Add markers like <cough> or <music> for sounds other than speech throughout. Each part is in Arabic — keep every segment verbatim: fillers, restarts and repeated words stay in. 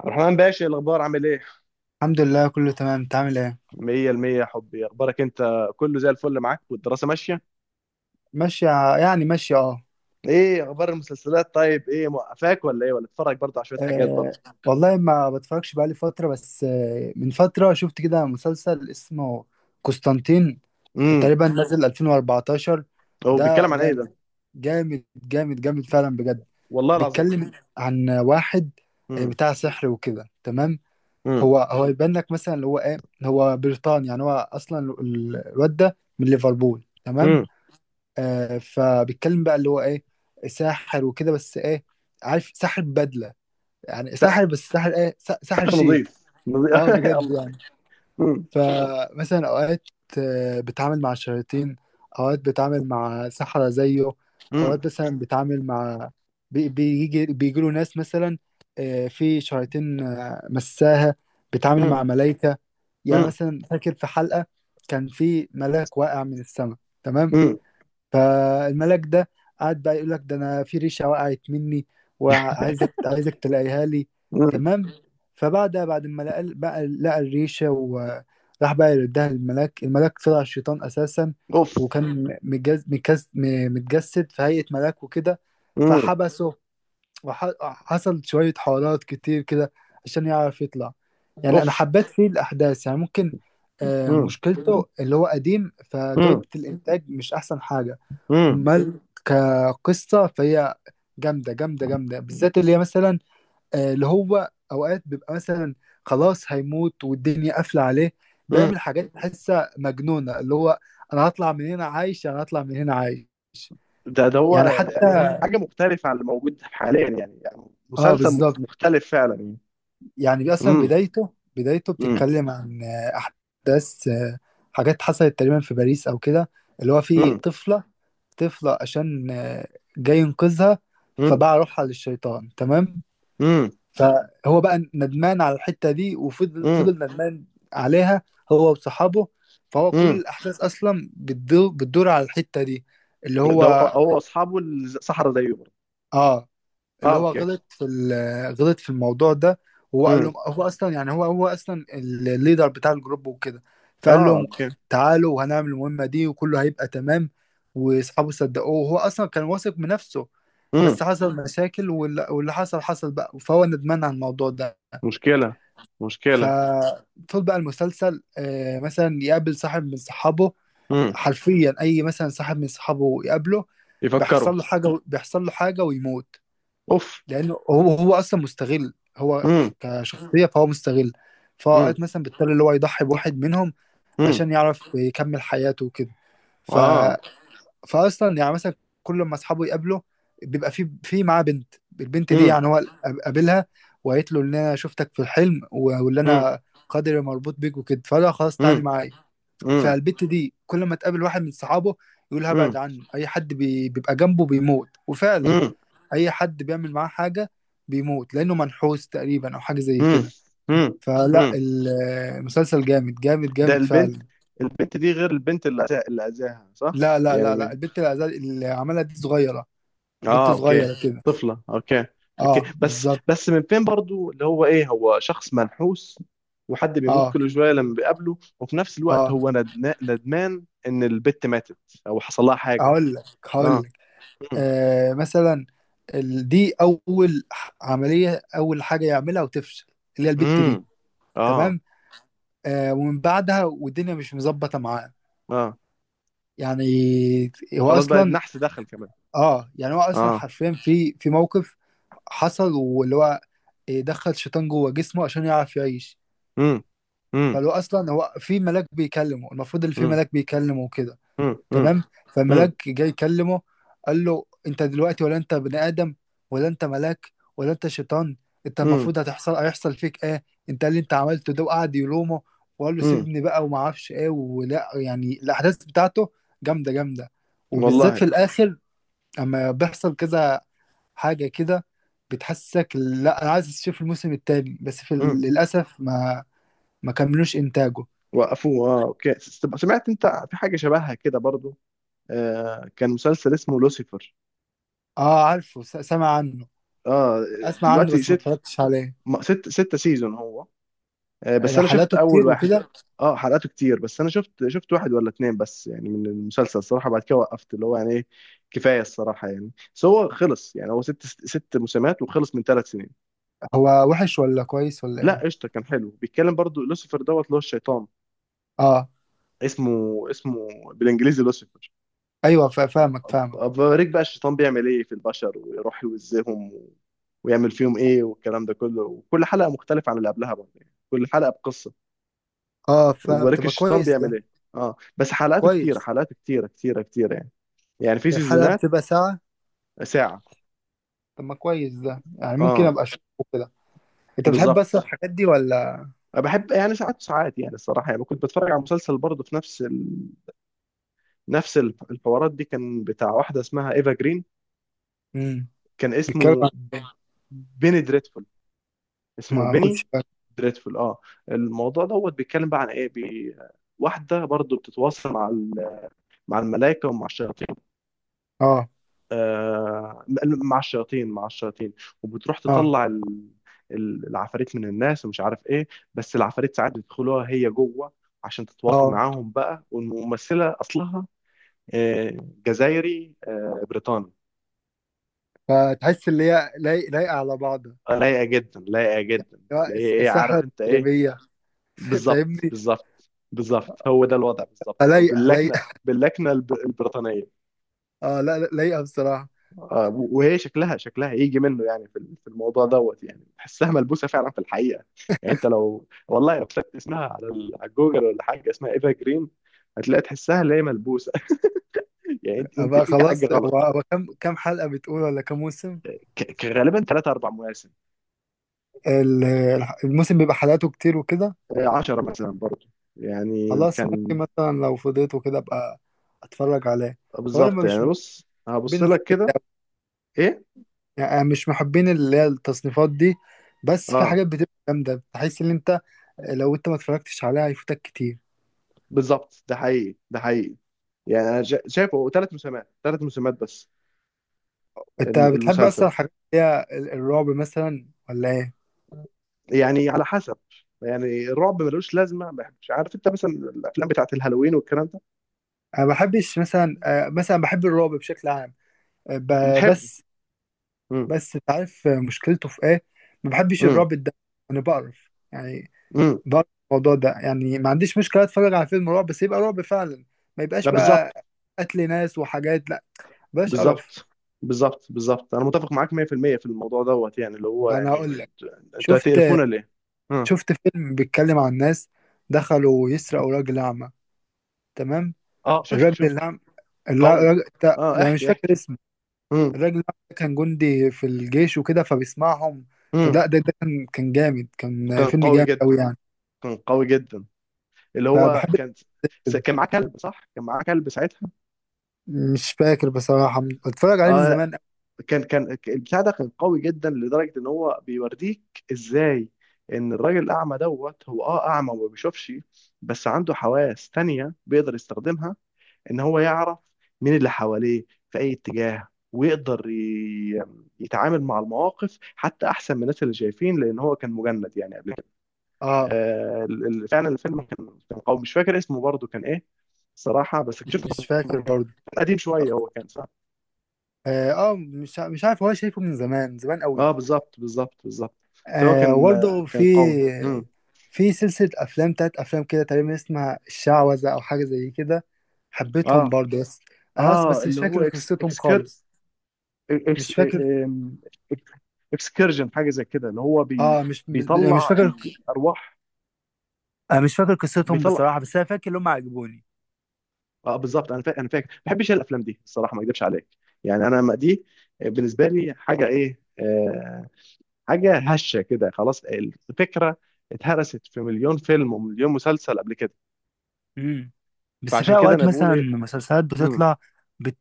عبد الرحمن باشا، الاخبار عامل ايه؟ الحمد لله، كله تمام. انت عامل ايه؟ مية المية يا حبي. اخبارك انت؟ كله زي الفل معاك والدراسه ماشيه؟ ماشيه. يعني ماشيه، اه. ايه اخبار المسلسلات طيب؟ ايه موقفاك ولا ايه؟ ولا بتتفرج برضه على شويه حاجات آه، برضه؟ والله ما بتفرجش بقالي فتره. بس آه، من فتره شفت كده مسلسل اسمه قسطنطين. امم. تقريبا نزل ألفين وأربعة عشر. هو ده بيتكلم عن ايه ده؟ جامد جامد جامد جامد، فعلا بجد. والله العظيم. بيتكلم عن واحد آه، امم. بتاع سحر وكده، تمام. امم. هو هو يبان لك مثلا اللي هو ايه، هو بريطاني، يعني هو اصلا ال- الواد ده من ليفربول، تمام. امم. آه، فبيتكلم بقى اللي هو ايه، ساحر وكده، بس ايه؟ عارف، ساحر بدلة. يعني ساحر، بس ساحر ايه، سا- ساحر سحر شيك. نظيف نظيف اه <laughs> بجد الله عليك. يعني. امم. فمثلا اوقات آه، بتعامل مع شياطين. اوقات بتعامل مع سحرة زيه. امم. اوقات مثلا بتعامل مع بي- بيجي بيجي له ناس. مثلا آه، في شياطين آه، مساها. بتعامل امم. مع ملايكة. يعني امم. مثلا فاكر في حلقة، كان في ملاك واقع من السماء، تمام. امم. فالملاك ده قعد بقى يقول لك: ده انا في ريشه وقعت مني، وعايزك عايزك تلاقيها لي، أمم. تمام. فبعد بعد ما لقى بقى لقى الريشه، وراح بقى يردها للملاك، الملاك طلع الشيطان اساسا. اوف. وكان متجس متجس متجسد في هيئه ملاك وكده. امم. فحبسه، وحصل شويه حوارات كتير كده عشان يعرف يطلع. يعني انا اوف. حبيت فيه الاحداث، يعني ممكن آه، امم. مشكلته اللي هو قديم، فجوده امم. الانتاج مش احسن حاجه. امم. امال كقصه فهي جامده جامده جامده، بالذات اللي هي مثلا آه، اللي هو اوقات بيبقى مثلا خلاص هيموت والدنيا قافله عليه، أمم. بيعمل حاجات تحسها مجنونه، اللي هو: انا هطلع من هنا عايش، انا هطلع من هنا عايش، ده ده يعني. هو حتى حاجه مختلفه عن اللي موجود حاليا يعني, يعني اه مسلسل مخ- بالظبط. مختلف فعلا يعني. يعني اصلا امم. بدايته بدايته امم. بتتكلم عن آه، احداث، آه، حاجات حصلت تقريبا في باريس او كده، اللي هو في امم. طفله طفله عشان آه، جاي ينقذها، امم. فباع روحها للشيطان، تمام. امم. فهو بقى ندمان على الحتة دي، وفضل امم. فضل ندمان عليها، هو وصحابه. فهو كل امم. الأحداث أصلا بتدور بتدور على الحتة دي، اللي هو ده هو هو اصحابه الصحراء زيه برضه. آه، اه، اللي هو اوكي. غلط في ال- غلط في الموضوع ده. هو قال امم. لهم هو أصلا، يعني هو هو أصلا الليدر بتاع الجروب وكده. فقال اه، لهم اوكي. تعالوا وهنعمل المهمة دي وكله هيبقى تمام، وأصحابه صدقوه، وهو أصلا كان واثق من نفسه. امم. بس حصل مشاكل وال- واللي حصل حصل بقى، فهو ندمان على الموضوع ده. مشكله. مشكله. فطول بقى المسلسل آه، مثلا يقابل صاحب من صحابه، امم. حرفيا اي مثلا صاحب من صحابه يقابله، يفكروا. بيحصل له حاجه بيحصل له حاجه ويموت، اوف. لانه هو هو اصلا مستغل، هو امم. كشخصيه فهو مستغل. امم. فأوقات مثلا بيضطر اللي هو يضحي بواحد منهم امم. عشان يعرف يكمل حياته وكده. ف اه. فاصلا يعني مثلا كل ما اصحابه يقابله، بيبقى في في معاه بنت، البنت دي امم. يعني هو قابلها، وقالت له ان انا شفتك في الحلم و- واللي امم. انا قدري مربوط بيك وكده، فقال لها: خلاص تعالي امم. معايا. امم. فالبنت دي كل ما تقابل واحد من صحابه يقول هبعد امم. عنه، اي حد بي- بيبقى جنبه بيموت، وفعلا امم. اي حد بيعمل معاه حاجه بيموت، لانه منحوس تقريبا او حاجه زي امم. كده. امم. فلا، امم. المسلسل جامد جامد ده جامد فعلا. البنت، البنت دي غير البنت اللي أذا- اللي اذاها صح لا لا لا لا، يعني؟ البنت اللي اللي عملها دي صغيره، بنت اه، اوكي. صغيره كده. طفلة، اوكي. اوكي. اه بس بالظبط. بس من فين برضو اللي هو ايه؟ هو شخص منحوس وحد بيموت اه، كل شوية لما بيقابله، وفي نفس الوقت اه. هو ندنا- ندمان ان البت ماتت او حصل لها حاجة؟ هقول لك هقول اه. لك امم. آه مثلا ال- دي اول ح- عمليه، اول حاجه يعملها وتفشل، اللي هي البت امم. دي، اه. تمام. آه ومن بعدها والدنيا مش مظبطه معاه، اه. يعني هو خلاص بقى اصلا، النحس دخل كمان. اه يعني هو اصلا اه. حرفيا في في موقف حصل، واللي هو دخل شيطان جوه جسمه عشان يعرف يعيش. امم. امم. فلو اصلا هو في ملاك بيكلمه، المفروض اللي في امم. ملاك بيكلمه وكده، امم. امم. تمام. امم. فالملاك جاي يكلمه، قال له: انت دلوقتي ولا انت بني ادم، ولا انت ملاك، ولا انت شيطان؟ انت امم. المفروض هتحصل هيحصل فيك ايه؟ انت اللي انت عملته ده، وقعد يلومه وقال له امم. سيبني بقى وما اعرفش ايه، ولا يعني الاحداث بتاعته جامده جامده، وبالذات في والله. الاخر اما بيحصل كذا حاجه كده، بتحسسك لا انا عايز اشوف الموسم التاني، بس في ال- امم. للاسف ما ما كملوش انتاجه. وقفوه، اه اوكي. س- سمعت انت في حاجة شبهها كده برضو؟ آه، كان مسلسل اسمه لوسيفر. اه عارفه، س- سامع عنه. اه. اسمع عنه دلوقتي بس ما ست، اتفرجتش عليه. م- ست ستة سيزون هو. آه، بس آه، انا شفت حالاته اول كتير واحد. وكده. اه، حلقاته كتير. بس انا شفت، شفت واحد ولا اتنين بس يعني من المسلسل الصراحة. بعد كده وقفت، اللي هو يعني ايه، كفاية الصراحة يعني. بس هو خلص، يعني هو ست ست موسمات وخلص من ثلاث سنين. هو وحش ولا كويس ولا لا، ايه؟ قشطة، كان حلو. بيتكلم برضو لوسيفر دوت اللي هو الشيطان. اه اسمه، اسمه بالانجليزي لوسيفر. ايوه، فا- فاهمك فاهمك أوريك بقى الشيطان بيعمل ايه في البشر، ويروح يوزيهم و... ويعمل فيهم ايه والكلام ده كله. وكل حلقة مختلفة عن اللي قبلها برضه، يعني كل حلقة بقصة. اه فاهم، وبارك طب ما الشيطان كويس بيعمل ده. ايه. اه، بس حلقاته كتيره، كويس. حلقاته كتيره كتيره كتيره يعني. يعني في هي الحلقة سيزونات. بتبقى ساعة؟ ساعه. طب ما كويس ده، يعني ممكن اه، ابقى اشوفه كده. انت بتحب بس بالظبط. الحاجات دي ولا؟ أنا بحب يعني ساعات وساعات يعني الصراحه. يعني كنت بتفرج على مسلسل برضه في نفس ال... نفس ال- الحوارات دي. كان بتاع واحده اسمها ايفا جرين. امم. كان بيتكلم اسمه عن- بيني دريدفول. إيه؟ اسمه ما بيني خدش بالي. دريدفول، اه. الموضوع دوت بيتكلم بقى عن ايه. بي... واحده برضه بتتواصل مع ال... مع الملائكه ومع الشياطين. اه، آه، مع الشياطين، مع الشياطين. وبتروح اه، تطلع ال- ال- العفاريت من الناس ومش عارف ايه. بس العفاريت ساعات بيدخلوها هي جوه عشان تتواصل اه. معاهم بقى. والممثلة أصلها آه، جزائري آه، بريطاني. فتحس اللي هي لايق- لايقة على بعضها؟ آه، لايقة جدا، لايقة جدا. اللي لا، هي الس- ايه، الساحة عارف انت ايه. التدريبية. <laughs> بالظبط، فاهمني. بالظبط، بالظبط. هو ده الوضع بالظبط يعني، فلايقة لايقة. باللكنة، باللكنة الب- البريطانية. اه لا لا، لايقة بصراحة. آه، وهي شكلها، شكلها يجي منه يعني، في في الموضوع دوت، يعني تحسها ملبوسه فعلا في الحقيقه. يعني انت لو، والله لو كتبت اسمها على ال- على جوجل ولا حاجه، اسمها ايفا جرين، هتلاقي تحسها اللي هي ملبوسه. <laughs> يعني انت، انت ابقى فيك حاجه خلاص. غلط. هو هو كم كم حلقة بتقول، ولا كم موسم؟ ك- ك- غالبا ثلاثة اربع مواسم. ال- الح- الموسم بيبقى حلقاته كتير وكده؟ عشرة مثلا برضه يعني خلاص، ممكن كان. مثلا لو فضيت وكده ابقى اتفرج عليه. آه، هو انا بالظبط مش يعني. من بص هبص محبين لك الحاجات دي كده. أوي. ايه. يعني أنا مش محبين اللي هي التصنيفات دي، بس في اه، حاجات بتبقى جامده بحيث ان انت لو انت ما اتفرجتش عليها هيفوتك كتير. بالظبط، ده حقيقي، ده حقيقي. يعني انا شا- شايفه ثلاث موسمات، ثلاث موسمات بس. انت الم- بتحب المسلسل اصلا الحاجات اللي هي ال- الرعب مثلا ولا ايه؟ يعني على حسب. يعني الرعب ملوش لازمه، ما بحبش، عارف انت، مثلا الافلام بتاعت الهالوين والكلام ده. انا ما بحبش مثلا، آه، مثلا بحب الرعب بشكل عام، آه، ب- بتحب. بس. امم. بس انت عارف آه، مشكلته في ايه؟ ما بحبش امم. الرعب الدموي. انا بقرف يعني امم. ضرب الموضوع ده. يعني ما عنديش مشكله اتفرج على فيلم رعب، بس يبقى رعب فعلا، ما يبقاش لا، بالظبط. بقى قتل ناس وحاجات، لا بلاش قرف. بالظبط، بالظبط، بالظبط، انا متفق معاك مية في المية في المية في الموضوع دوت. يعني اللي هو انا يعني، هقول لك: انتوا، انتوا شفت هتقرفونا ليه؟ امم. شفت فيلم بيتكلم عن ناس دخلوا يسرقوا راجل اعمى، تمام؟ اه، شفته الراجل شفته. الأعمى، اللا- قوي. الراجل ده اه، انا مش احكي فاكر احكي. اسمه. امم. الراجل الأعمى ده كان جندي في الجيش وكده، فبيسمعهم. امم. فده ده, ده كان كان جامد، كان كان فيلم قوي جامد جدا، قوي يعني. كان قوي جدا. اللي هو فبحب كان، س- كده. كان معاه كلب صح؟ كان معاه كلب ساعتها. مش فاكر بصراحة، اتفرج عليه من آه. زمان أوي. كان، كان البتاع ده كان قوي جدا، لدرجه ان هو بيوريك ازاي ان الراجل الاعمى دوت، هو اه اعمى وما بيشوفش، بس عنده حواس تانية بيقدر يستخدمها، ان هو يعرف مين اللي حواليه في اي اتجاه، ويقدر ي- يتعامل مع المواقف حتى احسن من الناس اللي شايفين، لان هو كان مجند يعني قبل كده. اه، آه، ال- ال- فعلا الفيلم كان، كان قوي، مش فاكر اسمه برضه، كان ايه صراحه، بس شفته مش فاكر برضه. قديم شويه. هو كان، اه، آه، مش ع- مش عارف، هو شايفه من زمان زمان اه، قوي. بالظبط، بالظبط، بالظبط. فهو آه كان، آه، برضه في كان قوي. امم. في سلسلة أفلام، تلات أفلام كده تقريبا، اسمها الشعوذة أو حاجة زي كده. حبيتهم اه. برضه، بس أنا بس اه، بس مش اللي هو فاكر اكس، قصتهم اكسكر خالص. اكس مش فاكر. آم، إك- اكسكرجن، حاجه زي كده، اللي هو بي اه مش مش بيطلع فاكر. ال- الارواح. آه مش فاكر قصتهم بيطلع. بصراحة، بس أنا فاكر إن هم عجبوني. اه، بالظبط. انا فاكر، انا فاكر، ما بحبش الافلام دي الصراحه، ما اكذبش عليك. يعني انا ما دي، آه، بالنسبه لي حاجه ايه آه حاجه هشه كده، خلاص الفكره اتهرست في مليون فيلم ومليون مسلسل قبل كده. امم. بس فعشان في كده أوقات انا بقول مثلا ايه. مسلسلات بتطلع بت,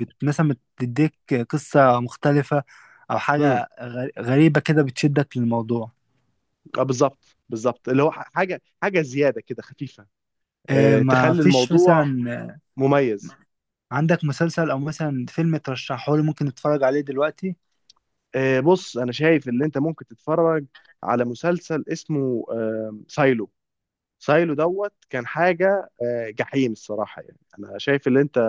بت مثلا بتديك قصة مختلفة، أو امم. حاجة غ- غريبة كده بتشدك للموضوع. اه، بالظبط، بالظبط. اللي هو ح- حاجه، حاجه زياده كده خفيفه، آه، آه، ما تخلي فيش الموضوع مثلا مميز. عندك مسلسل او مثلا فيلم ترشحه لي ممكن اتفرج عليه دلوقتي؟ آه، بص انا شايف ان انت ممكن تتفرج على مسلسل اسمه آه، سايلو. سايلو دوت كان حاجه آه، جحيم الصراحه. يعني انا شايف ان انت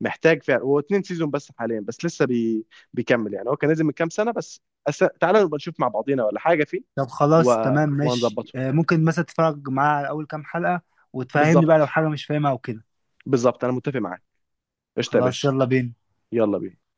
محتاج فعلا. هو اتنين سيزون بس حاليا، بس لسه بي... بيكمل يعني، هو كان نازل من كام سنه بس. أس... تعالى نبقى نشوف مع بعضينا ولا حاجه فيه. طب و... خلاص تمام، ماشي. وهنظبطه. آه، ممكن مثلا تتفرج معاه على اول كام حلقة، وتفهمني بقى لو بالظبط، حاجة مش فاهمها او كده. بالظبط، انا متفق معاك. قشطه يا خلاص، باشا. يلا بينا. يلا بينا.